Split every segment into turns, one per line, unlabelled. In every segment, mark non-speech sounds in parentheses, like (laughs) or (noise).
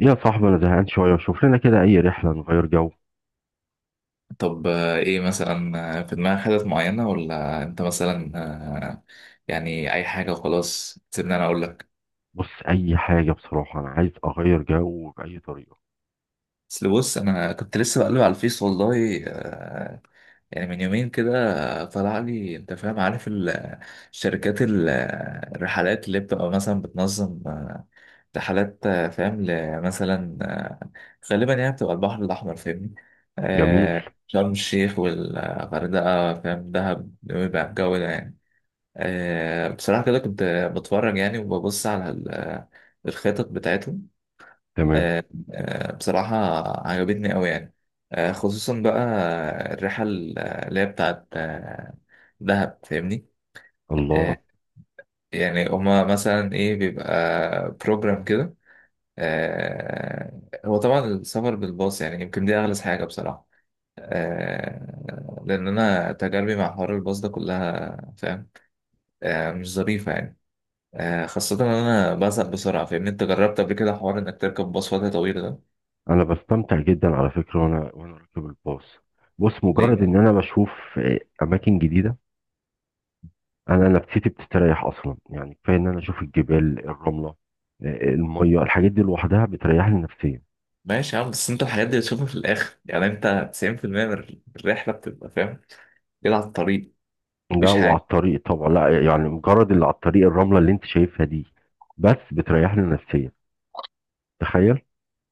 يا صاحبي، انا زهقان شويه. شوف لنا كده اي رحله نغير جو.
طب، ايه مثلا، في دماغك حتت معينة ولا انت مثلا؟ آه، يعني اي حاجة وخلاص، سيبني انا اقول لك.
بص، اي حاجه بصراحه انا عايز اغير جو باي طريقه.
اصل بص، انا كنت لسه بقلب على الفيس والله. يعني من يومين كده. طلع لي، انت فاهم، عارف شركات الرحلات اللي بتبقى مثلا بتنظم رحلات، فاهم، مثلا غالبا يعني بتبقى البحر الاحمر، فاهمني؟
جميل.
شرم الشيخ والغردقة، فاهم، دهب، بيبقى الجو ده يعني. بصراحة كده كنت بتفرج يعني وببص على الخطط بتاعتهم.
تمام.
آه، بصراحة عجبتني أوي يعني. خصوصا بقى الرحلة اللي هي بتاعت دهب، فاهمني. آه،
الله.
يعني هما مثلا إيه بيبقى بروجرام كده. هو طبعا السفر بالباص، يعني يمكن دي أغلى حاجة بصراحة. لأن أنا تجاربي مع حوار الباص ده كلها، فاهم، مش ظريفة يعني. خاصة إن أنا بزهق بسرعة، فاهمني؟ أنت جربت قبل كده حوار إنك تركب باص وقت طويل ده؟
انا بستمتع جدا على فكره، وانا راكب الباص. بص،
ليه
مجرد
يعني؟
ان انا بشوف اماكن جديده، انا نفسيتي بتستريح اصلا. يعني كفايه ان انا اشوف الجبال، الرمله، الميه، الحاجات دي لوحدها بتريحني نفسيا.
ماشي يا عم، بس أنت الحاجات دي بتشوفها في الآخر يعني. أنت 90% من الرحلة بتبقى، فاهم، كده على الطريق،
لا،
مفيش
وعلى
حاجة.
الطريق طبعا، لا يعني مجرد اللي على الطريق، الرمله اللي انت شايفها دي بس بتريحني نفسيا. تخيل.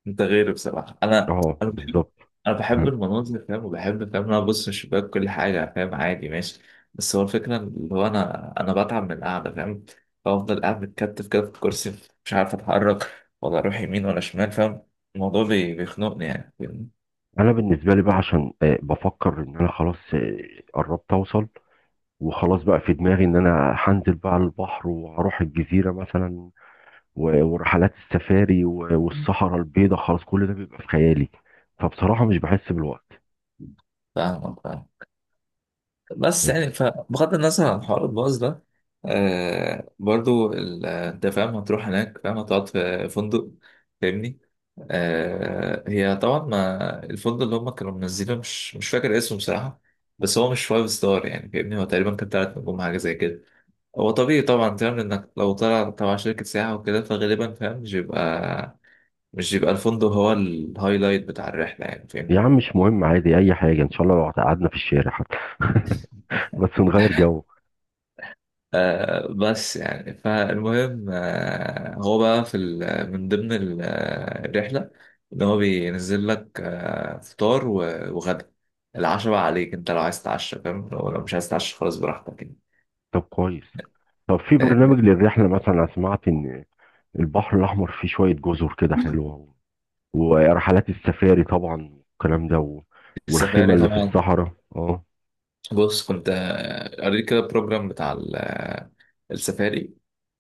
أنت غيري بصراحة.
اه، بالظبط.
أنا بحب
مم.
المناظر، فاهم، وبحب، فاهم، إن أنا أبص من الشباك كل حاجة، فاهم. عادي ماشي. بس هو الفكرة اللي هو أنا بتعب من القعدة، فاهم. بفضل قاعد متكتف كده في الكرسي، مش عارف أتحرك ولا أروح يمين ولا شمال، فاهم. الموضوع بيخنقني يعني، فاهمني؟
انا بالنسبه لي بقى، عشان بفكر ان انا خلاص قربت اوصل، وخلاص بقى في دماغي ان انا هنزل بقى البحر، وهروح الجزيره مثلا، ورحلات السفاري، والصحراء البيضاء، خلاص كل ده بيبقى في خيالي، فبصراحه مش بحس بالوقت.
فاهمك، فاهم. بس
آه،
يعني فبغض النظر عن حوار الباص ده، برضو انت فاهم هتروح هناك، فاهم، هتقعد في فندق، فاهمني. هي طبعا، ما الفندق اللي هم كانوا منزلينه مش فاكر اسمه بصراحة. بس هو مش فايف ستار، يعني فاهمني، هو تقريبا كان تلات نجوم حاجة زي كده. هو طبيعي طبعا، فاهم، انك لو طلع تبع شركة سياحة وكده، فغالبا، فاهم، مش بيبقى الفندق هو الهايلايت بتاع الرحلة يعني،
يا
فاهمني.
عم مش مهم، عادي اي حاجه ان شاء الله، لو قعدنا في الشارع حتى (laughs) بس نغير جو.
بس يعني فالمهم، هو بقى في من ضمن الرحلة، إن هو بينزل لك فطار و وغدا العشاء بقى عليك أنت، لو عايز تتعشى، فاهم، لو مش عايز تتعشى خلاص براحتك يعني.
طب كويس. طب في
آه،
برنامج للرحله مثلا؟ انا سمعت ان البحر الاحمر فيه شويه جزر كده حلوه، ورحلات السفاري طبعا، والكلام ده، والخيمة
السفاري
اللي في
طبعا.
الصحراء. اه.
بص كنت، قريت كده البروجرام بتاع السفاري.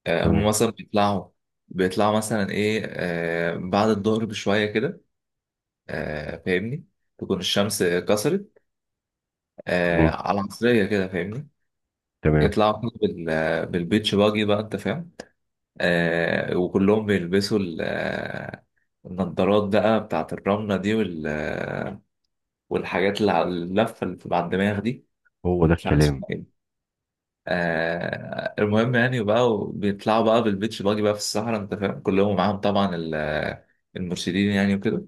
هم
تمام.
مثلا بيطلعوا مثلا ايه بعد الظهر بشوية كده، فاهمني. تكون الشمس كسرت
مم.
على عصرية كده، فاهمني.
تمام.
يطلعوا كده بالبيتش باجي بقى، انت فاهم. وكلهم بيلبسوا النضارات بقى بتاعت الرملة دي وال آه، والحاجات اللي على اللفة اللي بتبقى على الدماغ دي،
هو ده
مش عارف
الكلام.
اسمها ايه. المهم يعني بقى، بيطلعوا بقى بالبيتش باجي بقى في الصحراء، انت فاهم، كلهم معاهم طبعا المرشدين يعني وكده.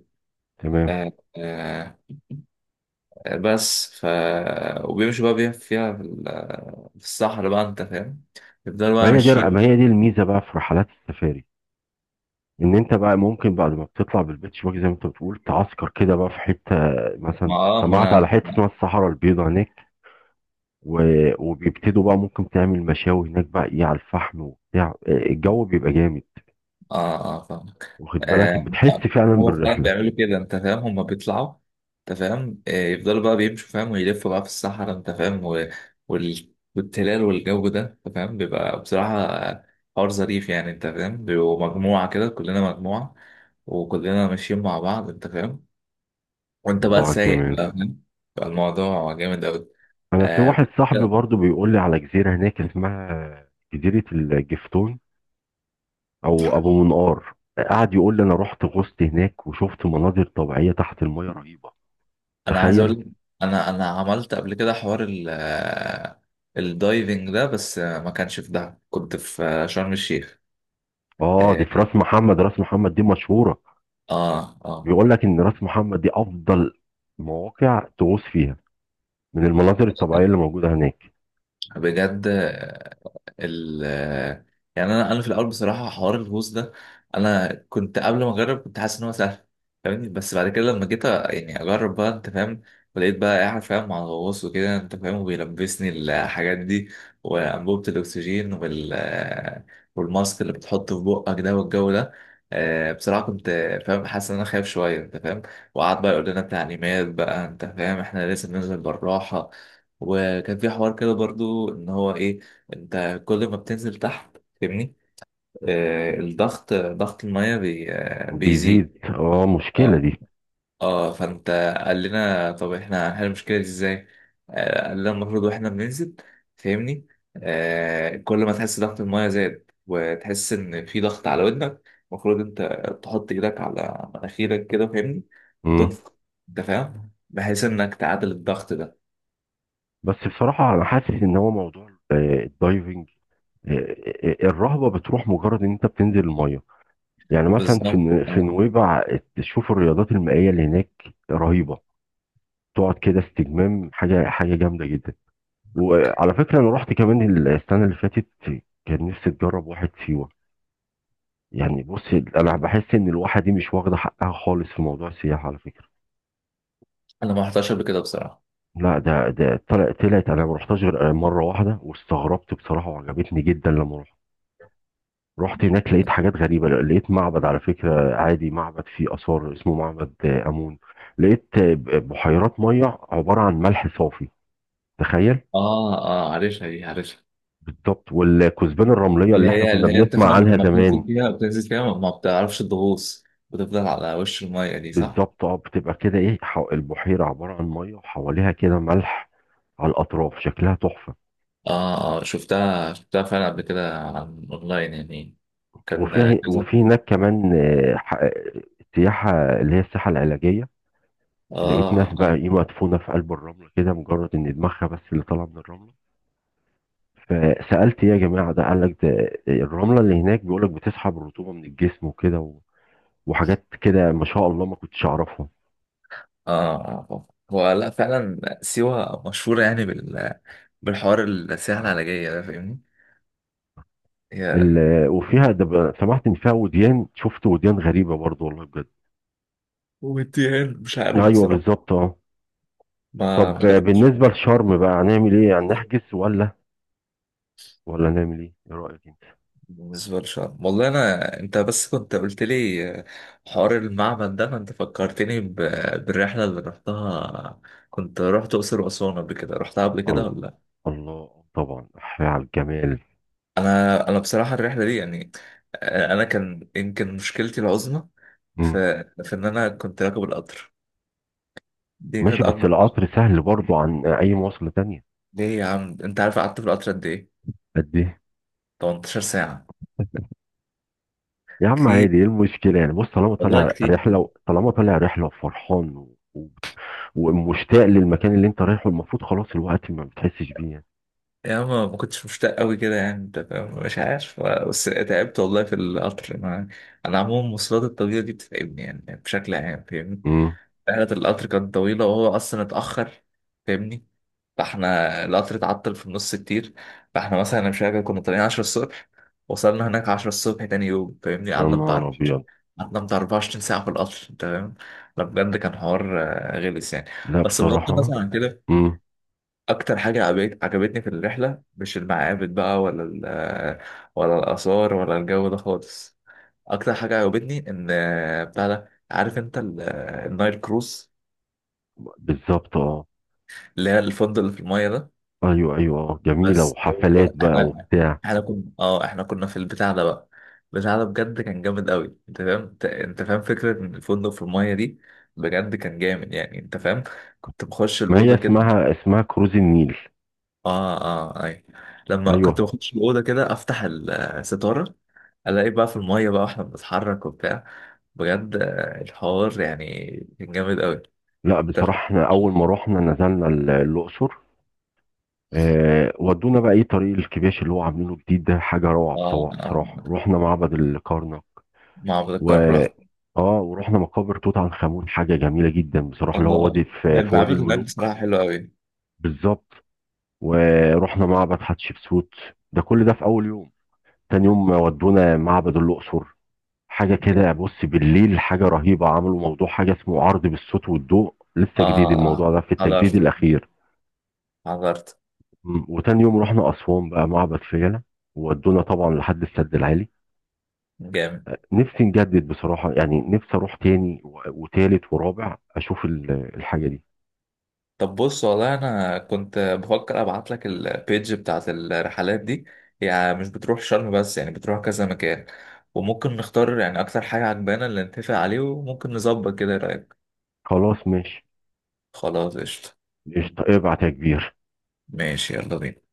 تمام.
آه آه، بس ف وبيمشوا بقى في الصحراء بقى، انت فاهم، يفضلوا
ما
بقى
هي دي
ماشيين.
ما هي دي الميزة بقى في رحلات السفاري، ان انت بقى ممكن بعد ما بتطلع بالبيتش باجي، زي ما انت بتقول، تعسكر كده بقى في حتة. مثلا
ما
سمعت على
انا.
حتة اسمها الصحراء البيضاء هناك. و... وبيبتدوا بقى، ممكن تعمل مشاوي هناك بقى، ايه، على الفحم وبتاع، الجو بيبقى جامد،
اه، اه، فاهم.
واخد بالك؟
آه
بتحس فعلا
هو فعلا
بالرحلة.
بيعملوا كده، انت فاهم، هما بيطلعوا، انت فاهم. يفضلوا بقى بيمشوا، فاهم، ويلفوا بقى في الصحراء، انت فاهم، و... وال... والتلال والجو ده، انت فاهم، بيبقى بصراحة حوار ظريف يعني، انت فاهم، بيبقوا مجموعة كده، كلنا مجموعة وكلنا ماشيين مع بعض، انت فاهم. وانت
الله
بقى
على
سايق
الجمال.
بقى، فاهم، بقى الموضوع جامد قوي.
انا في
آه
واحد صاحبي برضو بيقول لي على جزيره هناك اسمها جزيره الجفتون، او ابو منقار. قعد يقول لي انا رحت غصت هناك وشفت مناظر طبيعيه تحت الميه رهيبه.
انا عايز اقول
تخيل.
لك، انا عملت قبل كده حوار ال آه، الدايفنج ده، بس ما كانش في دهب، كنت في شرم الشيخ.
اه، دي في
اه،
راس محمد. راس محمد دي مشهوره.
اه، آه.
بيقول لك ان راس محمد دي افضل مواقع تغوص فيها، من المناظر الطبيعيه اللي موجوده هناك.
بجد. ال يعني انا في الاول بصراحه حوار الهوست ده، انا كنت قبل ما اجرب كنت حاسس ان هو سهل، فاهمني. بس بعد كده لما جيت، يعني اجرب بقى، انت فاهم، ولقيت بقى قاعد، فاهم، مع الغواص وكده، انت فاهم، وبيلبسني الحاجات دي وانبوبه الاكسجين والماسك اللي بتحطه في بقك ده والجو ده. بصراحه كنت، فاهم، حاسس ان انا خايف شويه، انت فاهم. وقعد بقى يقول لنا تعليمات بقى، انت فاهم، احنا لازم ننزل بالراحه. وكان في حوار كده برضو ان هو ايه، انت كل ما بتنزل تحت، فاهمني، الضغط، ضغط المية بي آه بيزيد.
بيزيد، اه، مشكله
اه،
دي.
اه، فانت قال لنا طب احنا هنحل المشكلة دي ازاي. قال لنا المفروض واحنا بننزل، فاهمني، كل ما تحس ضغط المية زاد وتحس ان في ضغط على ودنك، المفروض انت تحط ايدك على مناخيرك كده، فاهمني،
مم.
وتنفخ، انت فاهم، بحيث انك تعادل الضغط ده.
بس بصراحه انا حاسس ان هو موضوع الدايفنج، الرهبه بتروح مجرد ان انت بتنزل الميه. يعني مثلا
بالظبط.
في
اه،
نويبع تشوف الرياضات المائية اللي هناك، رهيبة. تقعد كده استجمام، حاجة جامدة جدا. وعلى فكرة أنا رحت كمان السنة اللي فاتت. كان نفسي أجرب واحد سيوة. يعني بص، أنا بحس إن الواحة دي مش واخدة حقها خالص في موضوع السياحة على فكرة.
انا ما رحتهاش قبل كده بصراحة.
لا، ده طلعت، أنا ما رحتهاش غير مرة واحدة، واستغربت بصراحة وعجبتني جدا لما رحت. رحت هناك لقيت حاجات غريبة، لقيت معبد على فكرة، عادي، معبد فيه آثار اسمه معبد آمون. لقيت بحيرات مية عبارة عن ملح صافي. تخيل.
اه، اه، عارفها دي، عارفها.
بالظبط، والكثبان الرملية
اللي
اللي احنا
هي
كنا
اللي هي انت
بنسمع
فاهم،
عنها
لما
زمان.
بتنزل فيها، بتنزل فيها ما بتعرفش تغوص، بتفضل على وش المية دي، صح؟
بالظبط، اه، بتبقى كده ايه، البحيرة عبارة عن مية، وحواليها كده ملح على الأطراف، شكلها تحفة.
اه، اه، شفتها فعلا قبل كده عن اونلاين يعني. كان
وفي
كذا.
وفي هناك كمان، سياحة، اللي هي السياحة العلاجية. لقيت ناس
اه،
بقى،
ايوه،
ايه، مدفونة في قلب الرملة كده، مجرد ان دماغها بس اللي طالعة من الرملة. فسألت ايه يا جماعة ده؟ قال لك ده الرملة اللي هناك بيقول لك بتسحب الرطوبة من الجسم، وكده، وحاجات كده، ما شاء الله ما كنتش أعرفها.
اه. هو لا، فعلا سيوة مشهورة يعني بالحوار، السياحة العلاجية ده، فاهمني؟ هي
وفيها ده، سمعت إن فيها وديان. شفت وديان غريبة برضو والله بجد.
والتيهان، مش عارف
أيوه،
بصراحة،
بالظبط، أه.
ما
طب
ما جربتش.
بالنسبة لشرم بقى هنعمل إيه؟ يعني نحجز ولا، نعمل إيه رأيك أنت؟
بالنسبة للشعر والله أنا، أنت بس كنت قلت لي حوار المعبد ده، فأنت فكرتني بالرحلة اللي رحتها. كنت رحت أقصر وأسوان قبل كده، رحتها قبل كده
الله،
ولا لأ؟
الله، طبعا أحيي على الجمال.
أنا بصراحة الرحلة دي يعني، أنا كان يمكن مشكلتي العظمى
مم.
في إن أنا كنت راكب القطر. دي
ماشي،
كانت
بس
أكبر.
القطر سهل برضو عن أي مواصلة تانية.
ليه يا عم، أنت عارف قعدت في القطر قد إيه؟
قد إيه؟
18 ساعة.
يا عم
كتير،
عادي، ايه المشكلة يعني؟ بص طالما
والله
طالع
كتير.
رحلة، طالما طالع رحلة وفرحان، ومشتاق للمكان اللي انت رايحه، المفروض خلاص الوقت ما بتحسش بيه يعني.
يا، ما كنتش مشتاق قوي كده يعني، انت فاهم؟ مش عارف، بس تعبت والله في القطر. ما انا عموما المواصلات الطويله دي بتتعبني يعني بشكل عام، فاهمني.
امم.
رحله القطر كانت طويله وهو اصلا اتاخر، فاهمني. فاحنا القطر اتعطل في النص كتير. فاحنا مثلا انا مش فاكر، كنا طالعين 10 الصبح، وصلنا هناك 10 الصبح تاني يوم، فاهمني،
يا
قعدنا
نهار
بتاع
ابيض.
قعدنا بتاع 24 ساعه في القطر، انت فاهم. لا بجد، كان حوار غلس يعني.
لا
بس بغض
بصراحة.
النظر عن كده،
امم.
اكتر حاجه عجبتني في الرحله، مش المعابد بقى ولا الاثار ولا الجو ده خالص. اكتر حاجه عجبتني ان بتاع ده، عارف انت النايل كروز،
بالظبط، اه.
اللي هي الفندق اللي في المايه ده.
ايوه، ايوه، اه، جميلة،
بس هو
وحفلات بقى
احنا،
وبتاع.
احنا كنا اه احنا كنا في البتاع ده بقى. البتاع ده بجد كان جامد قوي، انت فاهم، أنت فاهم فكره ان الفندق في المايه دي، بجد كان جامد يعني، انت فاهم. كنت بخش
ما هي
الاوضه كده.
اسمها، كروز النيل.
اه، اه، اي. لما كنت
ايوه.
بخش الاوضه كده، افتح الستاره، الاقي بقى في الميه بقى واحنا بنتحرك وبتاع. بجد الحوار يعني كان جامد قوي.
لا بصراحة، احنا اول ما رحنا نزلنا الاقصر. ودونا بقى، ايه، طريق الكباش اللي هو عاملينه جديد ده. حاجة روعة
اه،
بصراحة. بصراحة رحنا معبد الكرنك،
معبد
و
الكرم رحت.
اه ورحنا مقابر توت عنخ امون. حاجه جميله جدا بصراحه، اللي هو
اه،
وادي، في وادي
المعبد هناك
الملوك.
بصراحه حلو قوي.
بالظبط. ورحنا معبد حتشبسوت. ده كل ده في اول يوم. تاني يوم ودونا معبد الاقصر. حاجه كده
جامد.
بص، بالليل، حاجه رهيبه. عملوا موضوع، حاجه اسمه عرض بالصوت والضوء،
اه،
لسه جديد الموضوع
اه،
ده في التجديد
حضرت
الاخير.
حضرت
وتاني يوم رحنا اسوان بقى، معبد فيلة، وودونا طبعا لحد السد العالي.
جامد.
نفسي نجدد بصراحه يعني، نفسي اروح تاني، وتالت ورابع، اشوف الحاجه دي.
طب بص والله، انا كنت بفكر ابعت لك البيج بتاعت الرحلات دي، يعني مش بتروح شرم بس، يعني بتروح كذا مكان، وممكن نختار يعني اكتر حاجة عجبانا اللي نتفق عليه، وممكن نظبط كده، إيه رأيك؟
خلاص ماشي.
خلاص قشطة.
قشطة، ابعت يا كبير.
ماشي، يلا بينا.